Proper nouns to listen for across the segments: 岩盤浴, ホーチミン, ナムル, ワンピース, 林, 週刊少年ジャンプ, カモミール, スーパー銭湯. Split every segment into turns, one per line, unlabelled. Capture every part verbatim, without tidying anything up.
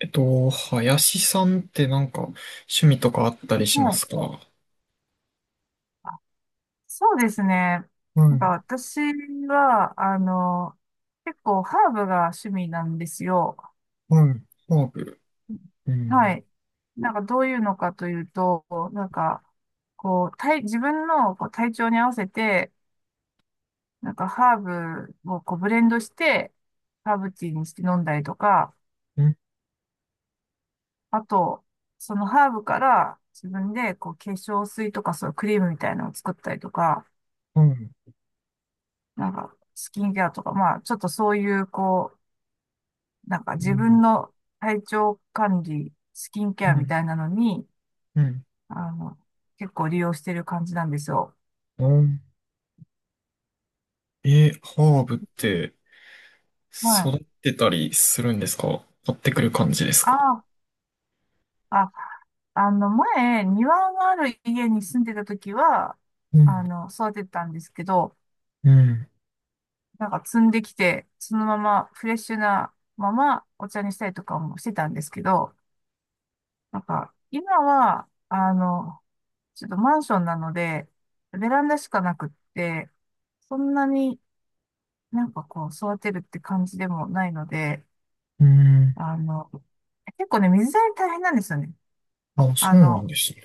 えっと、林さんってなんか趣味とかあったりし
は
ま
い。
すか？は
そうですね。
い、
なんか私は、あの、結構ハーブが趣味なんですよ。
はい、ハーブ。う
は
ん、
い。なんかどういうのかというと、なんか、こう、体、自分のこう体調に合わせて、なんかハーブをこうブレンドして、ハーブティーにして飲んだりとか、
うん、
あと、そのハーブから自分でこう化粧水とかそういうクリームみたいなのを作ったりとか、
はい、
なんかスキンケアとか、まあちょっとそういうこうなんか
う
自分
ん、
の体調管理、スキンケ
う
アみ
ん、
たいなのに、
うん。
あの、結構利用してる感じなんですよ。
うん。え、ハーブって
は
育
い。
ってたりするんですか？買ってくる感じですか？
ああ、あの、前、庭がある家に住んでた時は、
う
あ
ん、
の、育ててたんですけど、
うん、
なんか摘んできて、そのままフレッシュなままお茶にしたりとかもしてたんですけど、なんか、今は、あの、ちょっとマンションなので、ベランダしかなくって、そんなになんかこう、育てるって感じでもないので、
うん。
あの、結構ね、水やり大変なんですよね。
あ、
あ
そうなん
の、
ですね。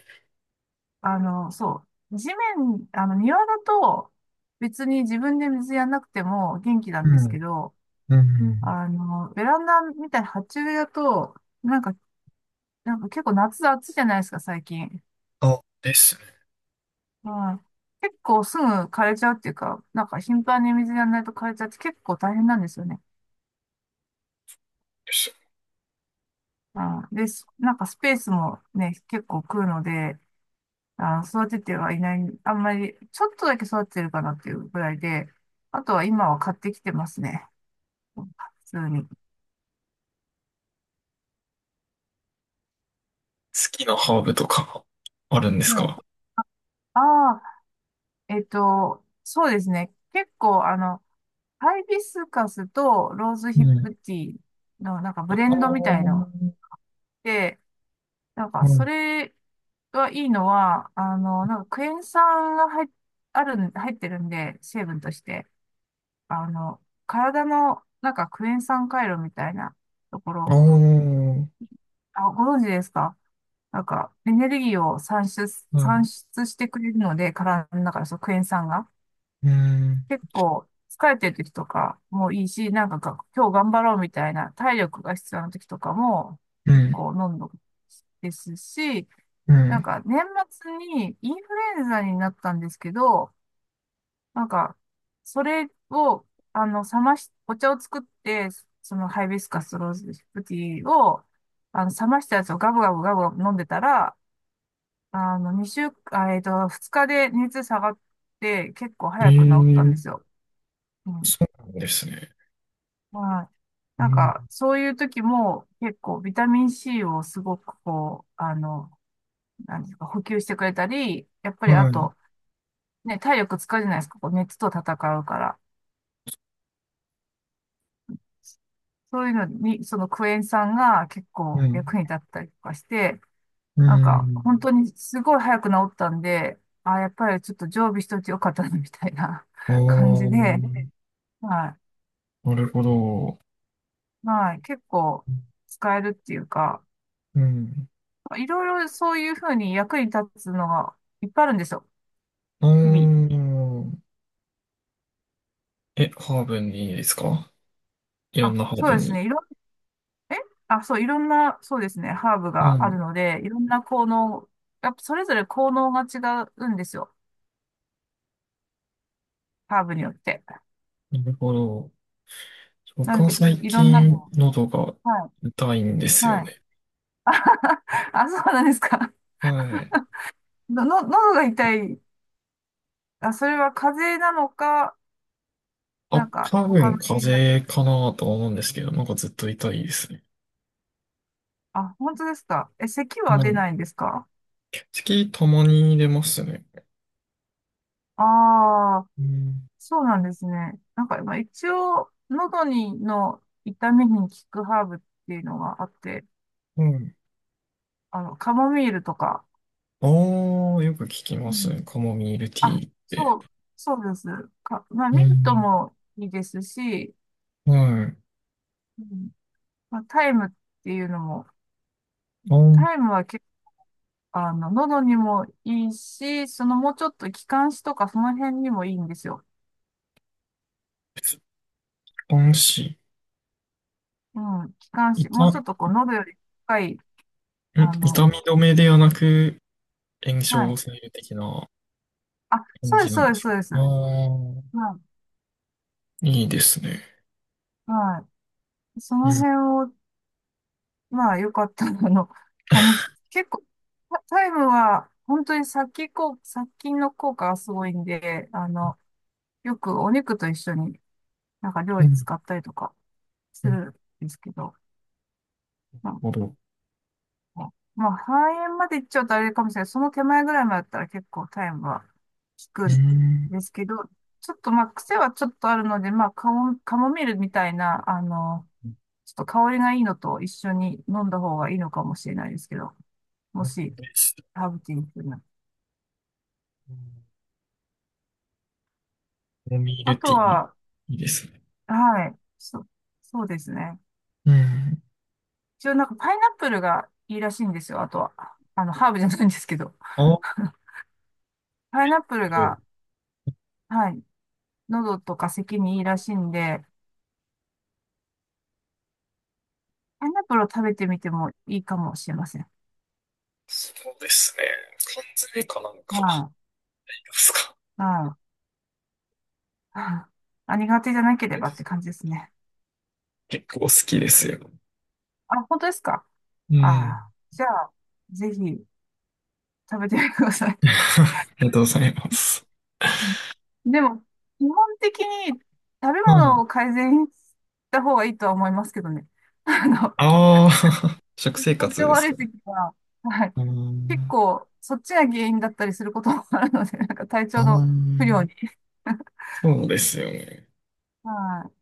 あの、そう。地面、あの、庭だと、別に自分で水やんなくても元気な
う
んです
ん、
けど、
うん、
あの、ベランダみたいな鉢植えだと、なんか、なんか結構夏暑いじゃないですか、最近。
あ、ですね。
はい。結構すぐ枯れちゃうっていうか、なんか頻繁に水やらないと枯れちゃって結構大変なんですよね。
です
うん、で、すなんかスペースもね、結構食うので、あ、育ててはいない、あんまり、ちょっとだけ育ててるかなっていうぐらいで、あとは今は買ってきてますね。普通に。
好きなハーブとかあるんです
はい。
か？
ああ、えっと、そうですね。結構、あの、ハイビスカスとローズ
う
ヒッ
ん。
プティーのなんかブレ
ああ、
ンドみたいの
う
で、なんか
ん
それがいいのは、あの、なんかクエン酸が入っ、あるん、入ってるんで、成分として、あの、体のなんかクエン酸回路みたいなとこ
あ
ろ、
ー、
あ、ご存知ですか？なんか、エネルギーを産出、
は
産
い。
出してくれるので、体の中で、そう、クエン酸が。
うん、
結構、疲れてる時とかもいいし、なんかが、今日頑張ろうみたいな体力が必要な時とかも、
う
結
ん、
構飲んどくですし、
う
なん
ん。
か、年末にインフルエンザになったんですけど、なんか、それを、あの、冷まし、お茶を作って、そのハイビスカスローズティーを、あの、冷ましたやつをガブガブガブガブ飲んでたら、あの、2週、あ、えっと、ふつかで熱下がって、結構
え
早く治ったん
ー
ですよ。うん。
そうなんですね。
はい。
え
なん
ー
か、そういう時も、結構、ビタミン C をすごく、こう、あの、なんですか、補給してくれたり、やっぱ
は
り、あ
い、
と、ね、体力使うじゃないですか、こう熱と戦うから。そういうのに、そのクエン酸が結
う
構役
ん、
に立ったりとかして、
う
なんか本
ん。
当にすごい早く治ったんで、あ、やっぱりちょっと常備しといてよかったな、みたいな
あ
感じ
あ、
で、は
なるほど。
い。はい。結構使えるっていうか、
うん。
いろいろそういうふうに役に立つのがいっぱいあるんですよ。
あー
日々。
え、ハーブにですか？いろん
あ、
なハー
そう
ブ
です
に。
ね。いろん、えあ、そう、いろんな、そうですね。ハーブ
は
があ
い、
るので、いろんな効能、やっぱそれぞれ効能が違うんですよ。ハーブによって。
なるほど。
な
僕
ん
は
で、
最
いろんなの
近
を。
喉が
は
痛いんで
い。
すよ
はい。
ね。
あ、そうなんですか。
はい。
の、の、喉が痛い。あ、それは風邪なのか、な
あ、
んか、
多
他
分
の原因だ。
風邪かなとは思うんですけど、なんかずっと痛いですね。
あ、本当ですか。え、咳は
は
出
い。
ないんですか？
月たまに出ますね。
ああ、
うん
そうなんですね。なんか、まあ、一応、喉に、の痛みに効くハーブっていうのがあって、
うん。
あの、カモミールとか。
ああ、よく聞きま
う
す。
ん。
カモミールティ
あ、
ーって。
そう、そうです。か、まあ、
う
ミント
ん。
もいいですし、
はい。
うん、まあ、タイムっていうのも、
あ
タイムは結構、あの、喉にもいいし、そのもうちょっと気管支とかその辺にもいいんですよ。
あ、安心。
うん、気管支、も
痛、
うちょ
ん
っとこう、喉より深い、あ
痛
の、
み止めではなく、炎症
は
を
い。
抑える的な
あ、
感
そうで
じ
す、
なん
そう
で
です、
す
そ
か？
うです。
ああ
はい、
ー、いいですね。
はい。そ
う
の
ん。
辺を、まあ、よかったら、あの、試し、結構、タタイムは、本当に殺菌効、殺菌の効果がすごいんで、あの、よくお肉と一緒になんか料
う
理
ん。
使ったりとかす
なる
るんですけど、まあ
ほど。
あまあ、肺炎まで行っちゃうとあれかもしれない。その手前ぐらいまでだったら結構タイムは効く
う
ん
ん。
ですけど、ちょっとまあ、癖はちょっとあるので、まあ、カモ、カモミールみたいな、あの、ちょっと香りがいいのと一緒に飲んだ方がいいのかもしれないですけど、もし、
です。
ハーブティーにするなら。
カモミー
あ
ル
と
ティー、い
は、
いですね。
はい、そ、そうですね。
うん。
一応なんかパイナップルがいいらしいんですよ、あとは。あの、ハーブじゃないんですけど。
ああ、
パイナップルが、はい、喉とか咳にいいらしいんで、パイナップルを食べてみてもいいかもしれません。
そうですね。缶詰かなんかで
は
すか？
い。うん、あ、苦手じゃなければって感じですね。
結構好きですよ。
あ、本当ですか？
う
あ
ん。
あ、じゃあ、ぜひ食べてみてくださ い。
ありがとうございます。
うんでも、基本的に食べ
う
物
ん。
を改善した方がいいとは思いますけどね。あの、
ああ、食生
体
活
調
です
悪
か？
い時は、はい。
う
結
ん。
構、そっちが原因だったりすることもあるので、なんか体
あ
調の不良
ー
に。
そうですよね。
はい。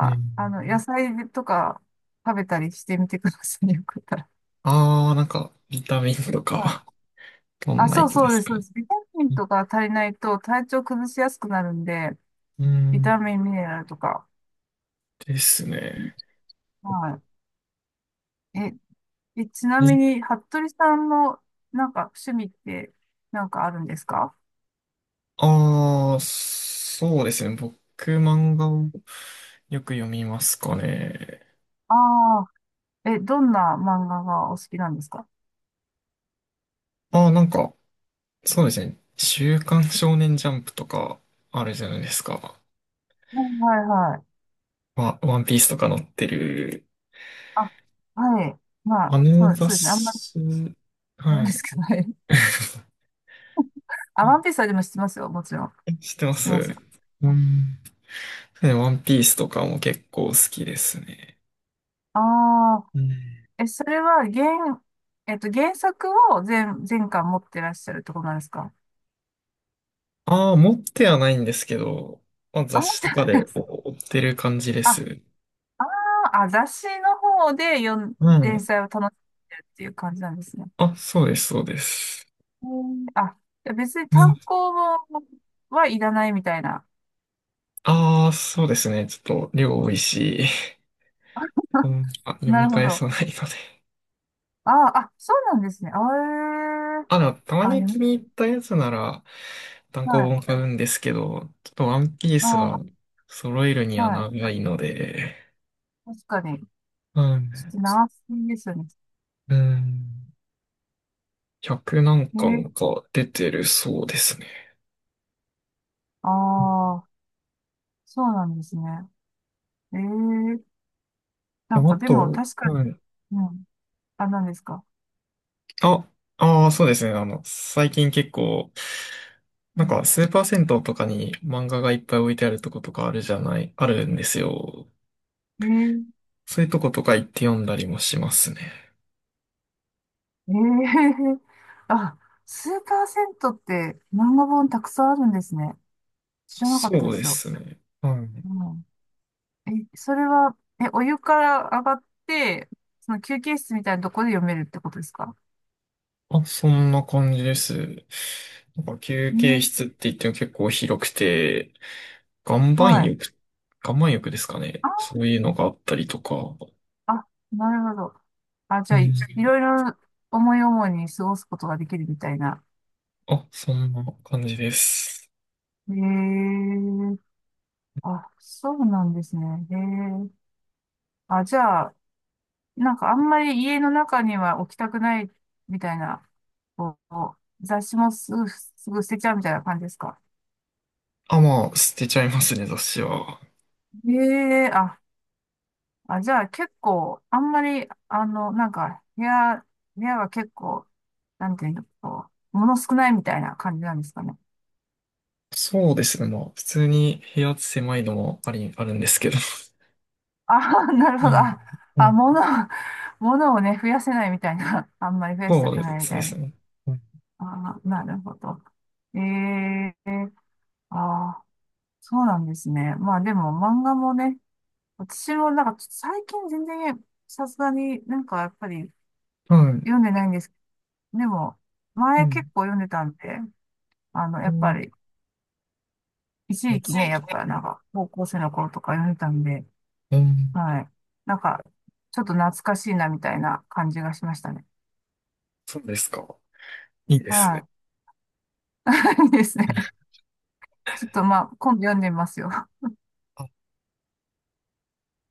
う
あ、
ん。
あの、野菜とか食べたりしてみてくださいね。よかったら。
ああ、なんか、ビタミンと
はい。
か、どん
あ、
な
そ
や
う
つで
そうで
す
す。
か
そうで
ね？
す。ビタミンとか足りないと体調崩しやすくなるんで、
う
ビ
ん。
タミン、ミネラルとか。
です
うん、
ね。
はい。え、え、ちなみに、服部さんの、なんか、趣味って、なんかあるんですか？
ああー、そうですね。僕、漫画をよく読みますかね。
ああー、え、どんな漫画がお好きなんですか？
ああ、なんか、そうですね。週刊少年ジャンプとかあるじゃないですか。
はいはいはい。
まあ、ワンピースとか載ってる、
あ、はい。ま
あ
あ、そ
の
う、
雑
そうですね。あんまり知
誌、
らない
は
です
い。
けど、はい。あ、
う
ワ
ん
ンピースはでも知ってますよ。もちろん。
知ってま
知って
す
ますよ。
うん。ね、ワンピースとかも結構好きですね。
ああ、
うん。
え、それは原、えっと、原作を全、全巻持ってらっしゃるってことなんですか？
ああ、持ってはないんですけど、まあ、
あ、
雑
持っ
誌
て
とか
ない
で
です。
こう追ってる感じで
あ、
す。
あ、雑誌の方で読ん、
う
連
ん。
載を楽しんでるっていう感じなんですね。
あ、そうです、そうです。
へー、あ、じゃあ別に
うん。
単行本はいらないみたいな。
ああ、そうですね。ちょっと量多いし、う ん、あ、読
な
み
るほ
返
ど。
さないので。
ああ、あ、そうなんですね。あえー、
あ、でも、たま
あ、
に
読
気
み
に入ったやつなら、単
は
行
い。
本買うんですけど、ちょっとワンピー
あ
スは
あ、
揃えるには
はい。
長いので、
確かに。
うん。
ちょっと長すぎですよね。
うん。ひゃく何
えー、
巻か出てるそうですね。
ああ、そうなんですね。ええ、なん
あ
かでも
と、
確か
う
に、
ん。
うん。あ、何ですか。
あ、ああ、そうですね。あの、最近結構、
う
なん
ん。
か、スーパー銭湯とかに漫画がいっぱい置いてあるとことかあるじゃない、あるんですよ。
ええ
そういうとことか行って読んだりもしますね。
ええ あ、スーパー銭湯って漫画本たくさんあるんですね。知らなかった
そ
で
うで
すよ。
すね。はい
うん。え、それは、え、お湯から上がって、その休憩室みたいなとこで読めるってことですか？
あ、そんな感じです。なんか休
う
憩
ん。
室って言っても結構広くて、岩盤
はい。
浴、岩盤浴ですかね。
あ、
そういうのがあったりとか。
あ、なるほど。あ、
う
じゃあ、
ん。
い、いろいろ思い思いに過ごすことができるみたいな。
あ、そんな感じです。
へえ、あ、そうなんですね。へえ、あ、じゃあ、なんかあんまり家の中には置きたくないみたいな、こう、雑誌もすぐ、すぐ捨てちゃうみたいな感じですか？
あ、まあ、捨てちゃいますね、雑誌は。
ええ、あ、あ、じゃあ結構、あんまり、あの、なんか、部屋、部屋は結構、なんていうの、こう、物少ないみたいな感じなんですかね。
そうですね。まあ、普通に部屋狭いのもあり、あるんですけど。
あ、なるほ
う
ど。
ん。
あ、
う
あ、
ん。
物、物をね、増やせないみたいな。あんまり増やし
そ
たく
う
ないみた
で
い
す
な。
ね。うん
あ、なるほど。ええ、ああー。そうなんですね。まあでも漫画もね、私もなんかちょっと最近全然さすがになんかやっぱり
はい。
読んでないんですけど、でも
う
前結
ん。
構読んでたんで、あの、や
う
っぱ
ん。
り一時期ね、やっぱなんか高校生の頃とか読んでたんで、
うん
はい。なんかちょっと懐かしいなみたいな感じがしましたね。
そうですか。いいですね。
はい。いいですね。ちょっとまあ今度読んでみますよ。